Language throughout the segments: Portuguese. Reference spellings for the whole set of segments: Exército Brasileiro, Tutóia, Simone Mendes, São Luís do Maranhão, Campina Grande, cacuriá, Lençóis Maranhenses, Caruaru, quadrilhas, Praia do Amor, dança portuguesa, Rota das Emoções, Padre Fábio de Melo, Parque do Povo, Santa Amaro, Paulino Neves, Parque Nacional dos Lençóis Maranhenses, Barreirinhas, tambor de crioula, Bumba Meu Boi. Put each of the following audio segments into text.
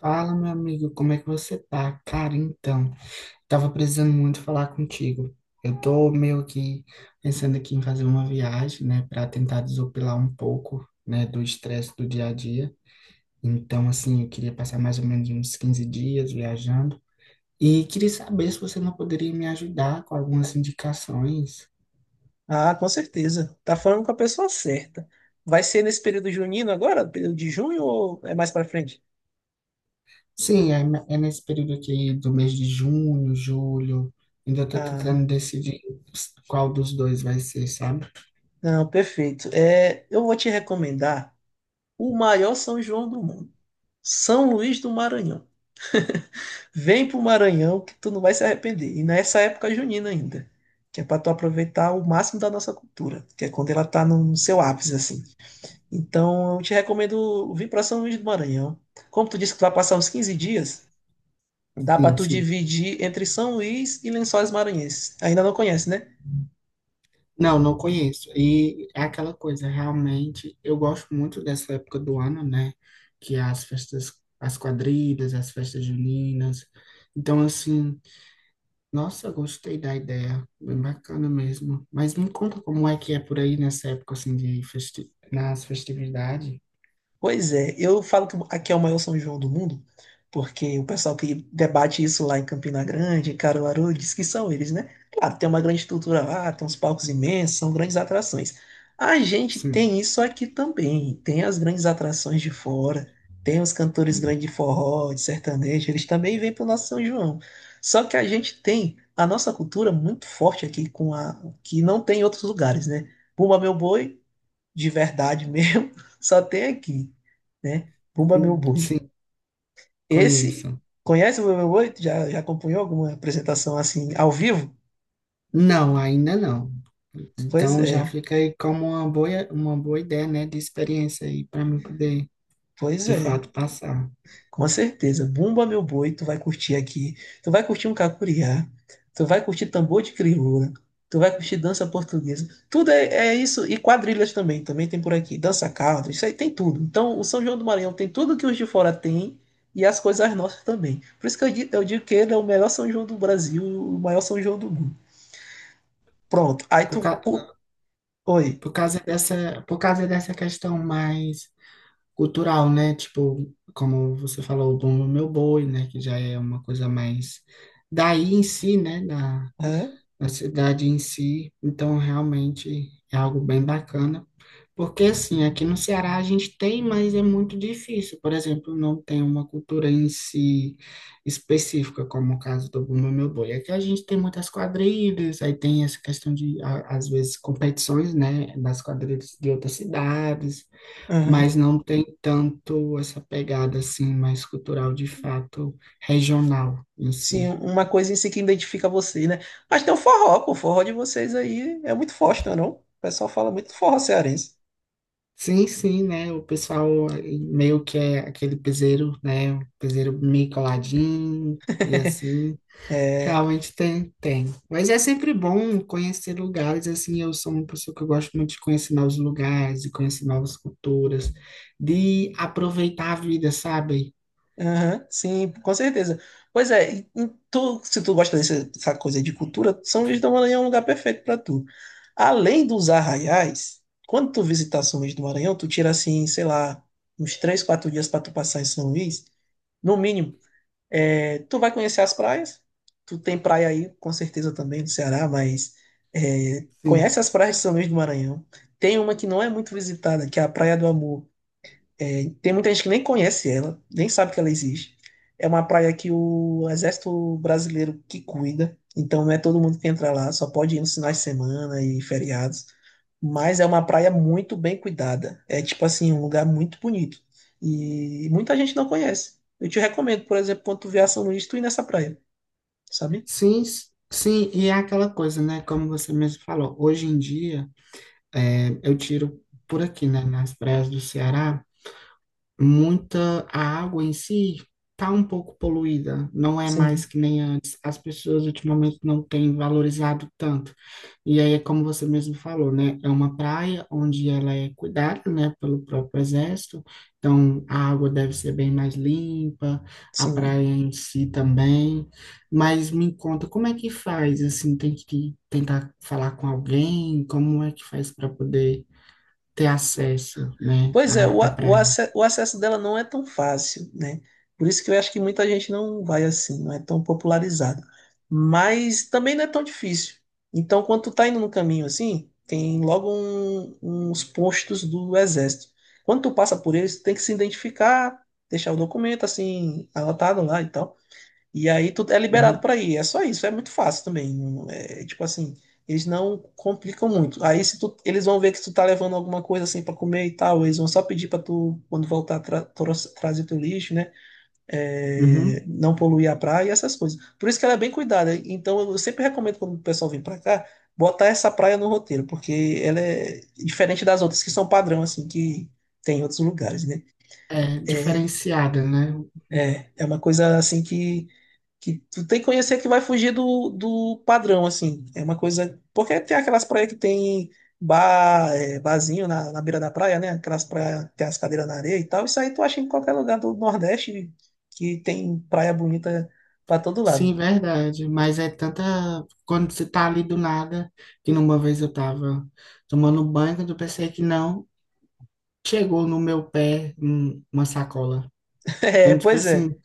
Fala, meu amigo, como é que você tá? Cara, então, tava precisando muito falar contigo. Eu tô meio que pensando aqui em fazer uma viagem, né, para tentar desopilar um pouco, né, do estresse do dia a dia. Então, assim, eu queria passar mais ou menos uns 15 dias viajando e queria saber se você não poderia me ajudar com algumas indicações. Ah, com certeza. Tá falando com a pessoa certa. Vai ser nesse período junino agora? Período de junho ou é mais pra frente? Sim, é, é nesse período aqui do mês de junho, julho. Ainda tô Ah, tentando decidir qual dos dois vai ser, sabe? não, perfeito. É, eu vou te recomendar o maior São João do mundo, São Luís do Maranhão. Vem pro Maranhão que tu não vai se arrepender. E nessa época junina ainda, que é para tu aproveitar o máximo da nossa cultura, que é quando ela tá no seu ápice assim. Então, eu te recomendo vir para São Luís do Maranhão. Como tu disse que tu vai passar uns 15 dias, dá pra Sim, tu sim. dividir entre São Luís e Lençóis Maranhenses. Ainda não conhece, né? Não, não conheço. E é aquela coisa, realmente, eu gosto muito dessa época do ano, né? Que é as festas, as quadrilhas, as festas juninas. Então, assim, nossa, gostei da ideia, bem bacana mesmo. Mas me conta como é que é por aí nessa época, assim, de festi nas festividades? Pois é, eu falo que aqui é o maior São João do mundo, porque o pessoal que debate isso lá em Campina Grande, em Caruaru, diz que são eles, né? Claro, tem uma grande estrutura lá, tem uns palcos imensos, são grandes atrações. A gente Sim, tem isso aqui também, tem as grandes atrações de fora, tem os cantores grandes de forró, de sertanejo, eles também vêm para o nosso São João. Só que a gente tem a nossa cultura muito forte aqui, com a, que não tem em outros lugares, né? Bumba Meu Boi de verdade mesmo, só tem aqui, né? Bumba Meu sim, Boi. sim, Esse, conheço. conhece o Bumba Meu Boi? Já, já acompanhou alguma apresentação assim, ao vivo? Não, ainda não. Pois Então, já é, fica aí como uma boa ideia, né, de experiência aí, para mim poder, pois de é. fato, passar. Com certeza. Bumba Meu Boi, tu vai curtir aqui. Tu vai curtir um cacuriá. Tu vai curtir tambor de crioula. Tu vai curtir dança portuguesa. Tudo é, é isso. E quadrilhas também. Também tem por aqui. Dança caldo. Isso aí tem tudo. Então, o São João do Maranhão tem tudo que os de fora têm. E as coisas nossas também. Por isso que eu digo que ele é o melhor São João do Brasil. O maior São João do mundo. Pronto. Aí Por, tu... ca- Oi. por causa dessa, por causa dessa questão mais cultural, né? Tipo, como você falou, o Bumba Meu Boi, né? Que já é uma coisa mais daí em si, né? Hã? A cidade em si. Então, realmente é algo bem bacana. Porque, assim, aqui no Ceará a gente tem, mas é muito difícil. Por exemplo, não tem uma cultura em si específica, como o caso do Bumba Meu Boi. Aqui a gente tem muitas quadrilhas, aí tem essa questão de, às vezes, competições, né, das quadrilhas de outras cidades, Aham. mas não tem tanto essa pegada, assim, mais cultural, de fato, regional em Sim, si. uma coisa em si que identifica vocês, né? Mas tem o forró, pô. O forró de vocês aí é muito forte, não é não? O pessoal fala muito do forró cearense. Sim, sim, né? O pessoal meio que é aquele piseiro, né? O piseiro meio coladinho e assim. É, Realmente tem, tem. Mas é sempre bom conhecer lugares, assim. Eu sou uma pessoa que eu gosto muito de conhecer novos lugares, de conhecer novas culturas, de aproveitar a vida, sabe? aham, sim, com certeza. Pois é, e tu, se tu gosta dessa coisa de cultura, São Luís do Maranhão é um lugar perfeito para tu. Além dos arraiais, quando tu visitar São Luís do Maranhão, tu tira assim, sei lá, uns três, quatro dias para tu passar em São Luís, no mínimo. É, tu vai conhecer as praias. Tu tem praia aí, com certeza também, do Ceará, mas é, Sim. conhece as praias de São Luís do Maranhão. Tem uma que não é muito visitada, que é a Praia do Amor. Tem muita gente que nem conhece ela, nem sabe que ela existe. É uma praia que o Exército Brasileiro que cuida, então não é todo mundo que entra lá, só pode ir nos finais de semana e feriados. Mas é uma praia muito bem cuidada. É tipo assim, um lugar muito bonito. E muita gente não conhece. Eu te recomendo, por exemplo, quando tu vier a São Luís, tu ir nessa praia, sabe? Sim, sim. E é aquela coisa, né? Como você mesmo falou, hoje em dia, é, eu tiro por aqui, né? Nas praias do Ceará. Muita a água em si está um pouco poluída, não é mais Sim, que nem antes. As pessoas ultimamente não têm valorizado tanto. E aí é como você mesmo falou, né? É uma praia onde ela é cuidada, né, pelo próprio exército. Então a água deve ser bem mais limpa, a sim. praia em si também. Mas me conta, como é que faz? Assim, tem que tentar falar com alguém? Como é que faz para poder ter acesso, né, Pois é, à praia? O acesso dela não é tão fácil, né? Por isso que eu acho que muita gente não vai assim, não é tão popularizado. Mas também não é tão difícil. Então, quando tu tá indo no caminho assim, tem logo uns postos do exército. Quando tu passa por eles, tu tem que se identificar, deixar o documento assim, anotado lá e tal. E aí tu é liberado Uhum. para ir. É só isso, é muito fácil também. É, tipo assim, eles não complicam muito. Aí se tu, eles vão ver que tu tá levando alguma coisa assim para comer e tal, eles vão só pedir para tu, quando voltar, trazer teu lixo, né? É, Uhum. não poluir a praia e essas coisas. Por isso que ela é bem cuidada. Então eu sempre recomendo quando o pessoal vem para cá, botar essa praia no roteiro, porque ela é diferente das outras que são padrão, assim, que tem em outros lugares, né? É diferenciada, né? É, é uma coisa assim que tu tem que conhecer que vai fugir do, do padrão, assim. É uma coisa. Porque tem aquelas praias que tem bar, é, barzinho na, na beira da praia, né? Aquelas praias que tem as cadeiras na areia e tal. Isso aí tu acha em qualquer lugar do Nordeste que tem praia bonita pra todo lado. Sim, verdade. Mas é tanta. Quando você tá ali do nada, que numa vez eu tava tomando banho, quando eu pensei que não, chegou no meu pé uma sacola. É, Então, tipo pois é. assim,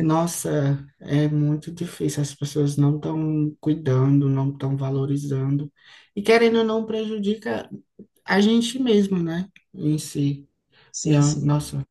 nossa, é muito difícil. As pessoas não estão cuidando, não estão valorizando. E querendo ou não, prejudica a gente mesmo, né? Em si. Sim, sim. Nossa,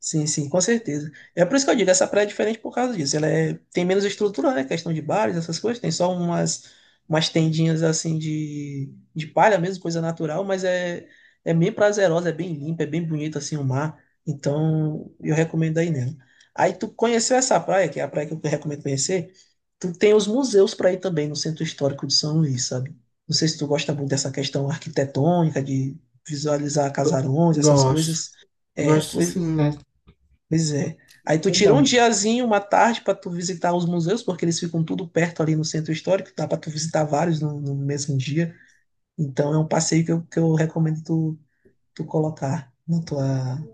Sim, sim, com certeza. É por isso que eu digo, essa praia é diferente por causa disso. Ela é, tem menos estrutura, né? Questão de bares, essas coisas. Tem só umas, umas tendinhas assim de palha mesmo, coisa natural, mas é, é bem prazerosa, é bem limpa, é bem bonito assim o mar. Então, eu recomendo aí nela. Aí tu conheceu essa praia, que é a praia que eu recomendo conhecer, tu tem os museus para ir também no Centro Histórico de São Luís, sabe? Não sei se tu gosta muito dessa questão arquitetônica, de visualizar eu casarões, essas gosto. coisas. É, Gosto pois sim, né? Pois é. Aí tu Muito tira um bom. diazinho, uma tarde para tu visitar os museus, porque eles ficam tudo perto ali no centro histórico, dá para tu visitar vários no mesmo dia. Então é um passeio que eu recomendo tu, tu colocar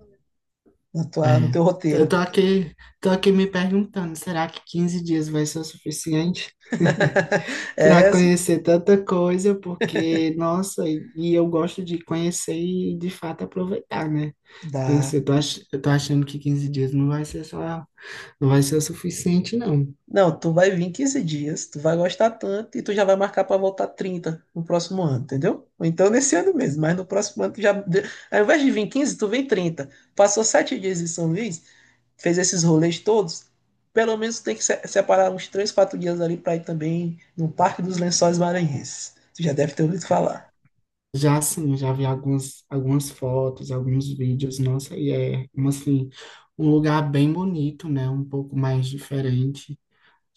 na tua, no É, teu eu roteiro. tô aqui, tô aqui me perguntando, será que 15 dias vai ser o suficiente para É, conhecer tanta coisa? Porque, nossa, e eu gosto de conhecer e de fato aproveitar, né? Então, assim, dá. Eu tô achando que 15 dias não vai ser só, não vai ser o suficiente, não. Não, tu vai vir quinze dias, tu vai gostar tanto e tu já vai marcar para voltar 30 no próximo ano, entendeu? Ou então nesse ano mesmo, mas no próximo ano tu já. Ao invés de vir 15 tu vem 30. Passou 7 dias em São Luís, fez esses rolês todos, pelo menos tem que separar uns três, 4 dias ali para ir também no Parque dos Lençóis Maranhenses. Tu já deve ter ouvido falar. Já assim, eu já vi algumas, algumas fotos, alguns vídeos, nossa, e é, um, assim, um lugar bem bonito, né? Um pouco mais diferente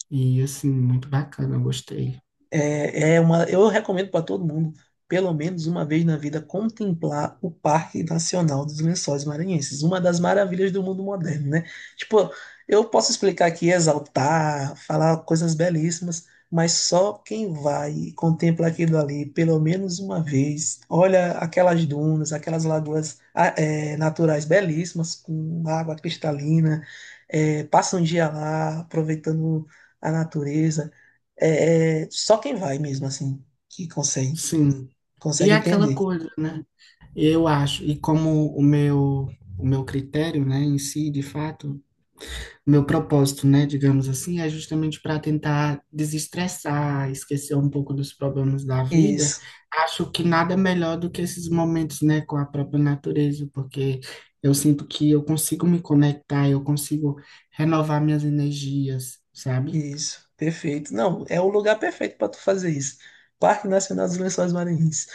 e, assim, muito bacana, eu gostei. É, é uma, eu recomendo para todo mundo, pelo menos uma vez na vida, contemplar o Parque Nacional dos Lençóis Maranhenses, uma das maravilhas do mundo moderno, né? Tipo, eu posso explicar aqui, exaltar, falar coisas belíssimas, mas só quem vai e contempla aquilo ali pelo menos uma vez, olha aquelas dunas, aquelas lagoas naturais belíssimas, com água cristalina, passa um dia lá aproveitando a natureza. É, é só quem vai mesmo, assim, Sim. E é consegue aquela entender. coisa, né? Eu acho, e como o meu critério, né, em si, de fato, o meu propósito, né, digamos assim, é justamente para tentar desestressar, esquecer um pouco dos problemas da vida. Isso, Acho que nada melhor do que esses momentos, né, com a própria natureza, porque eu sinto que eu consigo me conectar, eu consigo renovar minhas energias, sabe? isso, perfeito. Não, é o lugar perfeito para tu fazer isso. Parque Nacional dos Lençóis Maranhenses.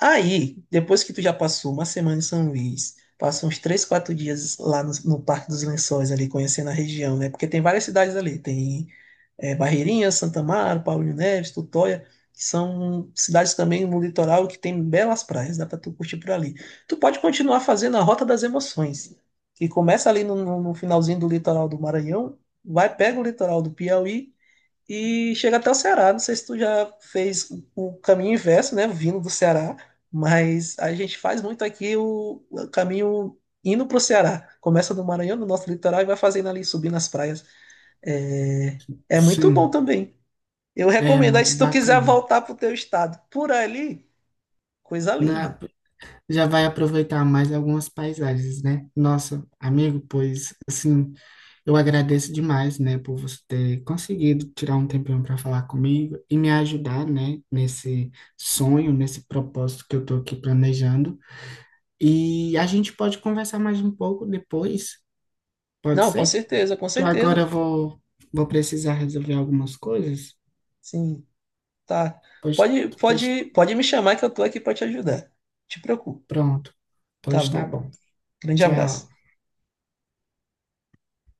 Aí, depois que tu já passou uma semana em São Luís, passa uns três, quatro dias lá no Parque dos Lençóis, ali, conhecendo a região, né? Porque tem várias cidades ali. Tem é, Barreirinhas, Santa Amaro, Paulino Neves, Tutóia, que são cidades também no litoral que tem belas praias, dá para tu curtir por ali. Tu pode continuar fazendo a Rota das Emoções, que começa ali no finalzinho do litoral do Maranhão, vai, pega o litoral do Piauí e chega até o Ceará. Não sei se tu já fez o caminho inverso, né, vindo do Ceará, mas a gente faz muito aqui o caminho indo para o Ceará. Começa no Maranhão, no nosso litoral, e vai fazendo ali, subindo as praias. É, é muito bom Sim, também. Eu é recomendo. Aí, muito se tu quiser bacana. voltar pro teu estado por ali, coisa Na, linda. já vai aproveitar mais algumas paisagens, né? Nossa, amigo, pois assim, eu agradeço demais, né, por você ter conseguido tirar um tempinho para falar comigo e me ajudar, né, nesse sonho, nesse propósito que eu tô aqui planejando. E a gente pode conversar mais um pouco depois, pode Não, com ser? certeza, com Que agora certeza. eu vou vou precisar resolver algumas coisas. Sim, tá. Pois, pois Pode me chamar que eu tô aqui pra te ajudar. Te preocupo. pronto. Tá Pois tá bom. bom. Grande Tchau. abraço.